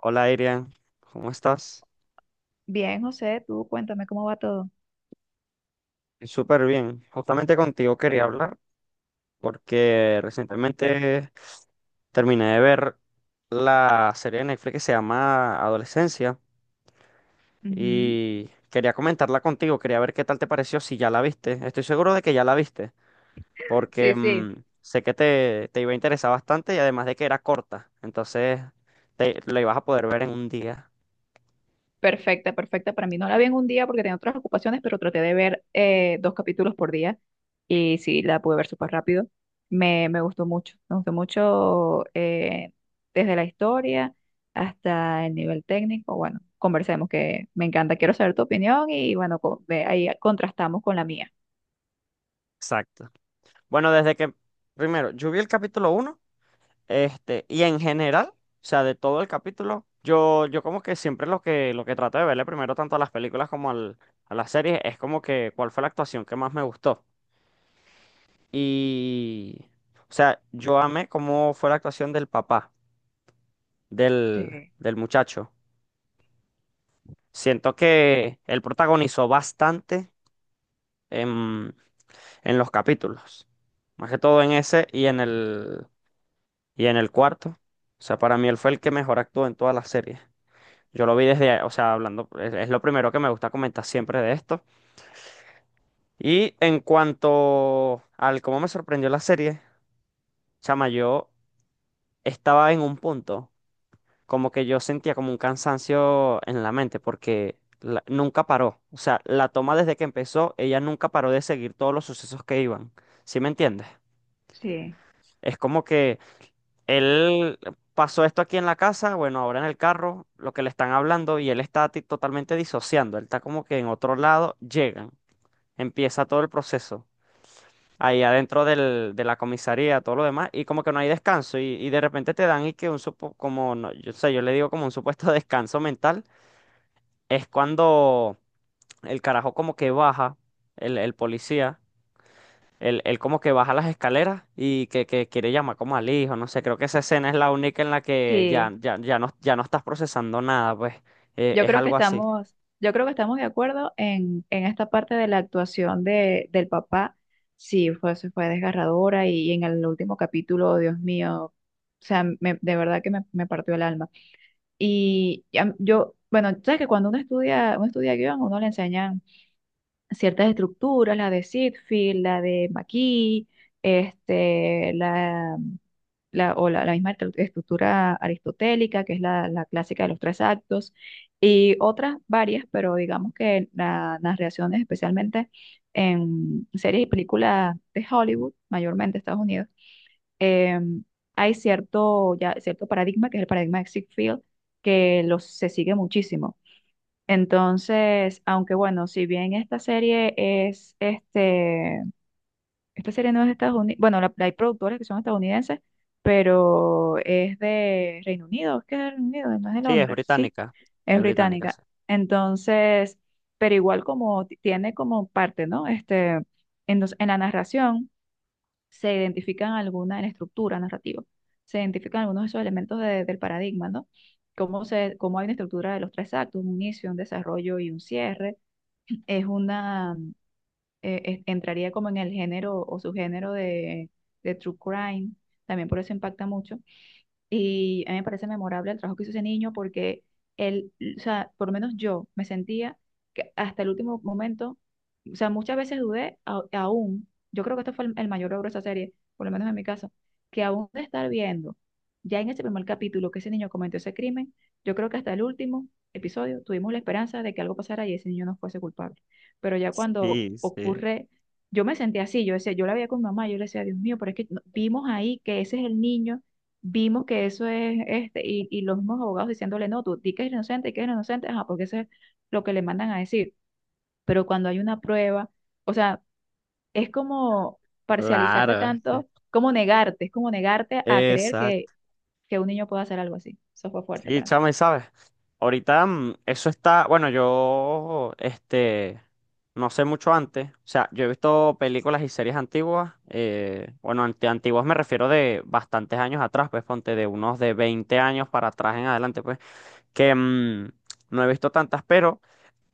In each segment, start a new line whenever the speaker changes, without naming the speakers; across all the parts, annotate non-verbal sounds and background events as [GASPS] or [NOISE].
Hola, Iria, ¿cómo estás?
Bien, José, tú cuéntame cómo va todo.
Súper bien. Justamente contigo quería hablar porque recientemente terminé de ver la serie de Netflix que se llama Adolescencia
Ujú.
y quería comentarla contigo, quería ver qué tal te pareció, si ya la viste. Estoy seguro de que ya la viste porque
Sí, sí,
sé que te iba a interesar bastante y además de que era corta, entonces te, la ibas a poder ver en un día.
perfecta, perfecta. Para mí no la vi en un día porque tenía otras ocupaciones, pero traté de ver dos capítulos por día y sí, la pude ver súper rápido. Me gustó mucho, me gustó mucho desde la historia hasta el nivel técnico. Bueno, conversemos que me encanta, quiero saber tu opinión y bueno, ahí contrastamos con la mía.
Exacto. Bueno, primero, yo vi el capítulo uno. Este, y en general, o sea, de todo el capítulo, yo como que siempre lo que trato de verle primero tanto a las películas como a las series es como que cuál fue la actuación que más me gustó. Y, o sea, yo amé cómo fue la actuación del papá,
Sí.
del muchacho. Siento que él protagonizó bastante en, en los capítulos, más que todo en ese y y en el cuarto. O sea, para mí él fue el que mejor actuó en toda la serie. Yo lo vi desde, o sea, hablando, es lo primero que me gusta comentar siempre de esto. Y en cuanto al cómo me sorprendió la serie, chama, yo estaba en un punto, como que yo sentía como un cansancio en la mente, porque nunca paró. O sea, la toma desde que empezó, ella nunca paró de seguir todos los sucesos que iban. ¿Sí me entiendes?
Sí,
Es como que él pasó esto aquí en la casa, bueno, ahora en el carro, lo que le están hablando, y él está totalmente disociando, él está como que en otro lado, llegan. Empieza todo el proceso ahí adentro de la comisaría, todo lo demás, y como que no hay descanso, y de repente te dan y que un supo, como, no, yo, sé, yo le digo como un supuesto [LAUGHS] descanso mental, es cuando el carajo como que baja, el policía, él como que baja las escaleras y que quiere llamar como al hijo, no sé, creo que esa escena es la única en la que
sí.
ya no, ya no estás procesando nada, pues
Yo
es
creo que
algo así.
estamos, yo creo que estamos de acuerdo en esta parte de la actuación de, del papá. Sí, fue, se fue desgarradora y, en el último capítulo, oh, Dios mío, o sea, de verdad que me partió el alma. Yo, bueno, sabes que cuando uno estudia guión, uno le enseñan ciertas estructuras, la de Sitfield, la de McKee, este, la misma estructura aristotélica, que es la clásica de los tres actos, y otras varias, pero digamos que las reacciones, especialmente en series y películas de Hollywood, mayormente Estados Unidos, em, hay cierto, ya, cierto paradigma, que es el paradigma de Sitfield, que se sigue muchísimo. Entonces, aunque bueno, si bien esta serie es, este, esta serie no es de Estados Unidos, bueno, la, hay productores que son estadounidenses, pero es de Reino Unido, es que es de Reino Unido, no es de
Sí,
Londres, sí, es
es británica,
británica.
sí.
Entonces, pero igual como tiene como parte, ¿no? Este, en la narración se identifican alguna en estructura narrativa, se identifican algunos de esos elementos del paradigma, ¿no? Cómo, se, cómo hay una estructura de los tres actos, un inicio, un desarrollo y un cierre. Es una, entraría como en el género o subgénero de true crime, también por eso impacta mucho y a mí me parece memorable el trabajo que hizo ese niño porque él, o sea, por lo menos yo me sentía que hasta el último momento, o sea, muchas veces dudé aún, yo creo que esto fue el mayor logro de esa serie, por lo menos en mi caso, que aún de estar viendo, ya en ese primer capítulo que ese niño cometió ese crimen, yo creo que hasta el último episodio tuvimos la esperanza de que algo pasara y ese niño no fuese culpable. Pero ya cuando
Sí, sí,
ocurre, yo me sentía así, yo decía, yo la veía con mi mamá, yo le decía, Dios mío, pero es que vimos ahí que ese es el niño, vimos que eso es este, y los mismos abogados diciéndole, no, tú di que eres inocente, di que es inocente, ajá, porque eso es lo que le mandan a decir. Pero cuando hay una prueba, o sea, es como parcializarte
claro.
tanto, como negarte, es como negarte a creer
Exacto.
que un niño puede hacer algo así. Eso fue fuerte
Sí,
para mí.
chama, y sabes, ahorita eso está, bueno, yo, este, no sé mucho antes, o sea, yo he visto películas y series antiguas, bueno, ante antiguas me refiero de bastantes años atrás, pues ponte de unos de 20 años para atrás en adelante, pues, que no he visto tantas, pero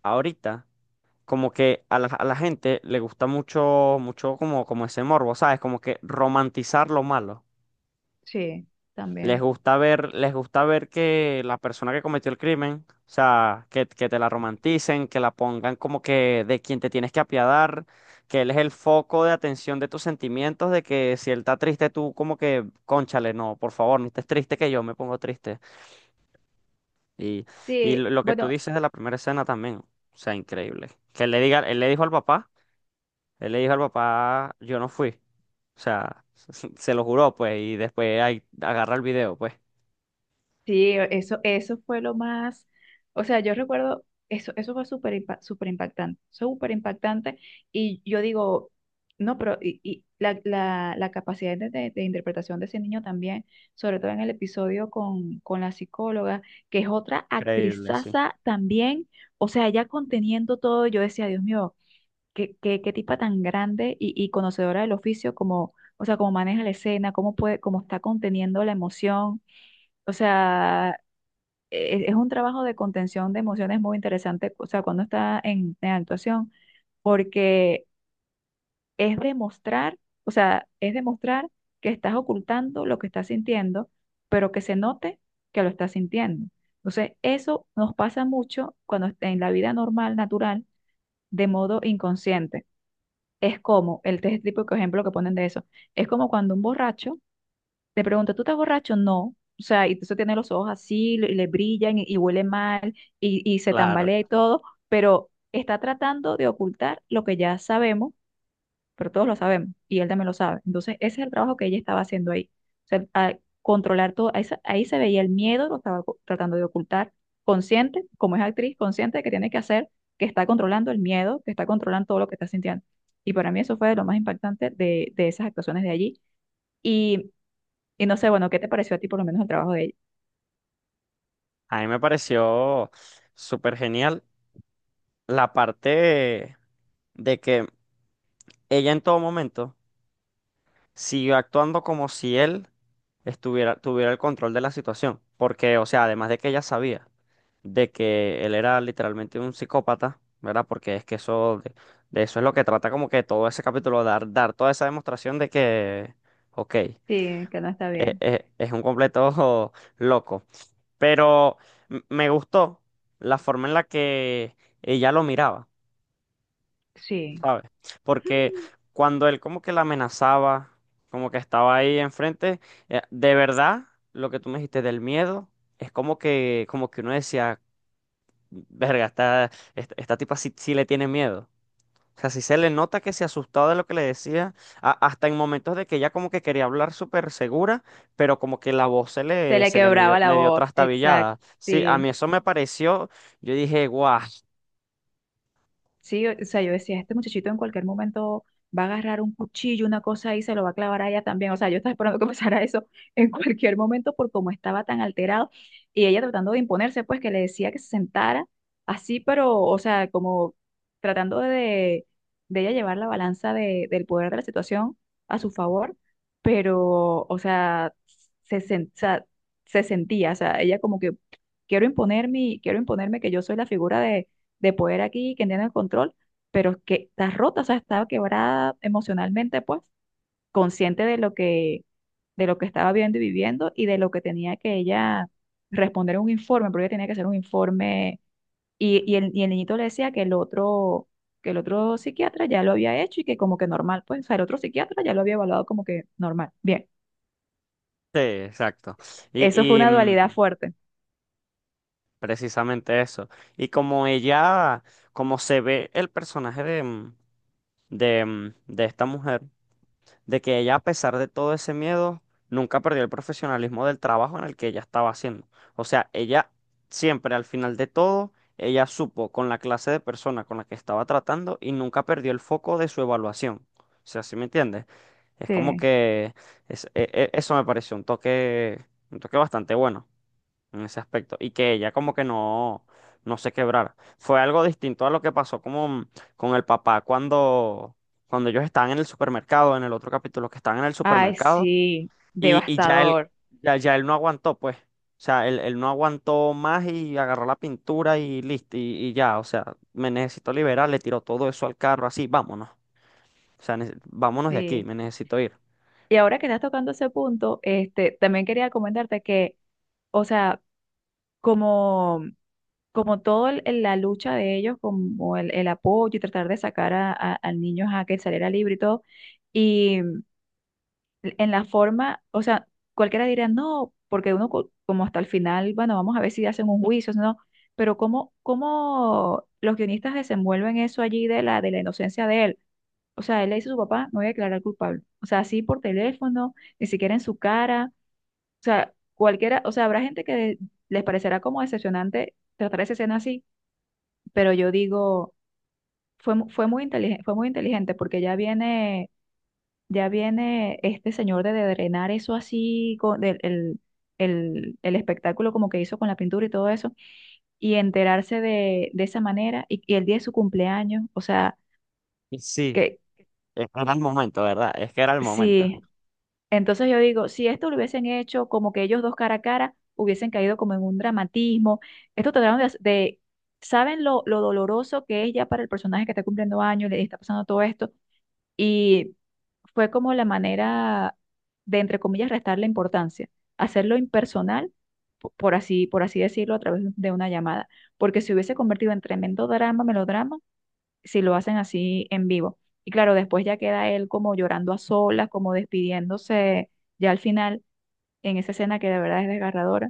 ahorita como que a a la gente le gusta mucho como, como ese morbo, ¿sabes? Como que romantizar lo malo.
Sí, también.
Les gusta ver que la persona que cometió el crimen, o sea, que te la romanticen, que la pongan como que de quien te tienes que apiadar, que él es el foco de atención de tus sentimientos, de que si él está triste, tú como que, cónchale, no, por favor, no estés triste que yo me pongo triste. Y, y lo
Sí,
lo que tú
bueno.
dices de la primera escena también, o sea, increíble. Que él le diga, él le dijo al papá, él le dijo al papá, yo no fui. O sea, [LAUGHS] se lo juró, pues, y después ahí agarra el video, pues.
Sí, eso fue lo más, o sea, yo recuerdo, eso fue súper impactante, y yo digo, no, pero y la capacidad de, de interpretación de ese niño también, sobre todo en el episodio con la psicóloga, que es otra
Increíble, sí.
actrizaza también, o sea, ya conteniendo todo, yo decía, Dios mío, qué, qué, qué tipa tan grande y conocedora del oficio, como, o sea, cómo maneja la escena, cómo puede, cómo está conteniendo la emoción. O sea, es un trabajo de contención de emociones muy interesante, o sea, cuando está en actuación, porque es demostrar, o sea, es demostrar que estás ocultando lo que estás sintiendo, pero que se note que lo estás sintiendo. Entonces, eso nos pasa mucho cuando en la vida normal, natural, de modo inconsciente. Es como el test típico ejemplo que ponen de eso. Es como cuando un borracho le pregunto, ¿tú estás borracho? No. O sea, y eso tiene los ojos así, le brillan y huele mal y se
Claro.
tambalea y todo, pero está tratando de ocultar lo que ya sabemos, pero todos lo sabemos y él también lo sabe. Entonces, ese es el trabajo que ella estaba haciendo ahí. O sea, a controlar todo, ahí se veía el miedo, lo estaba tratando de ocultar, consciente, como es actriz, consciente de que tiene que hacer, que está controlando el miedo, que está controlando todo lo que está sintiendo. Y para mí eso fue de lo más impactante de esas actuaciones de allí. y y no sé, bueno, ¿qué te pareció a ti por lo menos el trabajo de ella?
A mí me pareció súper genial la parte de que ella en todo momento siguió actuando como si él estuviera, tuviera el control de la situación. Porque, o sea, además de que ella sabía de que él era literalmente un psicópata, ¿verdad? Porque es que eso, de eso es lo que trata como que todo ese capítulo, dar toda esa demostración de que, ok,
Sí, que no está bien.
es un completo [LAUGHS] loco. Pero me gustó la forma en la que ella lo miraba,
Sí.
¿sabes? Porque
[GASPS]
cuando él como que la amenazaba, como que estaba ahí enfrente, de verdad, lo que tú me dijiste del miedo, es como que uno decía, verga, esta tipa sí, sí le tiene miedo. O sea, sí se le nota que se asustaba de lo que le decía, hasta en momentos de que ella como que quería hablar súper segura, pero como que la voz se
Se
le,
le
se le medio,
quebraba la
medio
voz, exacto.
trastabillada. Sí, a
Sí.
mí eso me pareció, yo dije, guau, sí,
Sí, o sea, yo decía, este muchachito en cualquier momento va a agarrar un cuchillo, una cosa y se lo va a clavar a ella también. O sea, yo estaba esperando que [LAUGHS] pasara eso en cualquier momento por cómo estaba tan alterado. Y ella tratando de imponerse, pues que le decía que se sentara así, pero, o sea, como tratando de ella llevar la balanza del poder de la situación a su favor, pero, o sea, o sea, se sentía, o sea, ella como que quiero imponerme, quiero imponerme que yo soy la figura de poder aquí, quien tiene el control, pero que está rota, o sea, estaba quebrada emocionalmente, pues, consciente de lo que estaba viendo y viviendo y de lo que tenía que ella responder un informe, porque ella tenía que hacer un informe y, y el niñito le decía que el otro psiquiatra ya lo había hecho y que como que normal, pues, o sea, el otro psiquiatra ya lo había evaluado como que normal. Bien,
exacto.
eso fue
Y
una dualidad fuerte.
precisamente eso. Y como ella, como se ve el personaje de esta mujer. De que ella, a pesar de todo ese miedo, nunca perdió el profesionalismo del trabajo en el que ella estaba haciendo. O sea, ella siempre, al final de todo, ella supo con la clase de persona con la que estaba tratando y nunca perdió el foco de su evaluación. O sea, ¿sí me entiendes? Es como
Sí.
que eso me pareció un toque bastante bueno en ese aspecto y que ella como que no, no se quebrara. Fue algo distinto a lo que pasó como con el papá cuando, cuando ellos estaban en el supermercado, en el otro capítulo, que estaban en el
Ay,
supermercado
sí,
y ya él,
devastador.
ya él no aguantó, pues. O sea, él no aguantó más y agarró la pintura y listo, y ya, o sea, me necesito liberar, le tiró todo eso al carro, así, vámonos. O sea, vámonos de aquí,
Sí.
me necesito ir.
Y ahora que estás tocando ese punto, este, también quería comentarte que, o sea, como, como todo la lucha de ellos, como el apoyo y tratar de sacar a, al niño a que saliera libre y todo, y en la forma, o sea, cualquiera diría no, porque uno como hasta el final, bueno, vamos a ver si hacen un juicio, si no, pero cómo, cómo los guionistas desenvuelven eso allí de la inocencia de él. O sea, él le dice a su papá, me voy a declarar culpable. O sea, así por teléfono, ni siquiera en su cara. O sea, cualquiera, o sea, habrá gente que les parecerá como decepcionante tratar esa escena así, pero yo digo, fue, fue muy inteligente porque ya viene este señor de drenar eso así, con el espectáculo como que hizo con la pintura y todo eso, y enterarse de esa manera, y el día de su cumpleaños, o sea,
Y sí,
que
es que era el momento, ¿verdad? Es que era el momento.
sí. Entonces yo digo, si esto lo hubiesen hecho como que ellos dos cara a cara, hubiesen caído como en un dramatismo. Esto trataron de, ¿saben lo doloroso que es ya para el personaje que está cumpliendo años, le está pasando todo esto? Y fue como la manera de, entre comillas, restarle importancia, hacerlo impersonal, por así decirlo, a través de una llamada. Porque se hubiese convertido en tremendo drama, melodrama, si lo hacen así en vivo. Y claro, después ya queda él como llorando a solas, como despidiéndose ya al final, en esa escena que de verdad es desgarradora,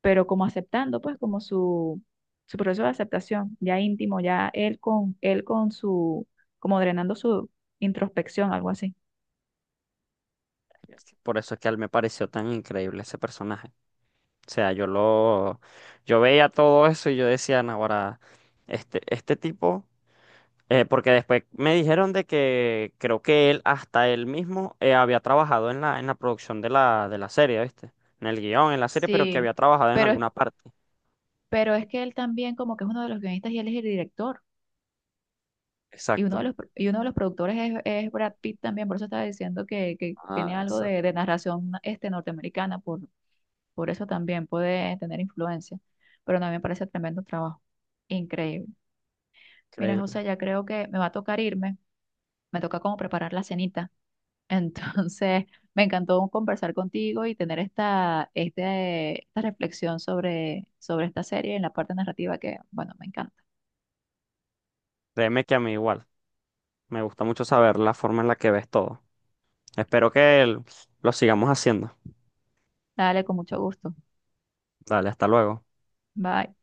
pero como aceptando, pues, como su proceso de aceptación, ya íntimo, ya él con su, como drenando su introspección, algo así.
Este, por eso es que a él me pareció tan increíble ese personaje. O sea, yo veía todo eso y yo decía, "No, ahora, este tipo, porque después me dijeron de que creo que él, hasta él mismo, había trabajado en en la producción de de la serie, ¿viste? En el guión, en la serie, pero que
Sí,
había trabajado en
pero,
alguna parte.
pero es que él también como que es uno de los guionistas y él es el director. Y uno de
Exacto.
los, y uno de los productores es Brad Pitt también, por eso estaba diciendo que tiene
Ah,
algo
eso
de narración este, norteamericana, por. Por eso también puede tener influencia. Pero no, me parece tremendo trabajo. Increíble. Mira,
increíble.
José, ya creo que me va a tocar irme. Me toca como preparar la cenita. Entonces, [LAUGHS] me encantó conversar contigo y tener esta, este, esta reflexión sobre, sobre esta serie en la parte narrativa que, bueno, me encanta.
Créeme que a mí igual. Me gusta mucho saber la forma en la que ves todo. Espero que lo sigamos haciendo.
Dale, con mucho gusto.
Dale, hasta luego.
Bye.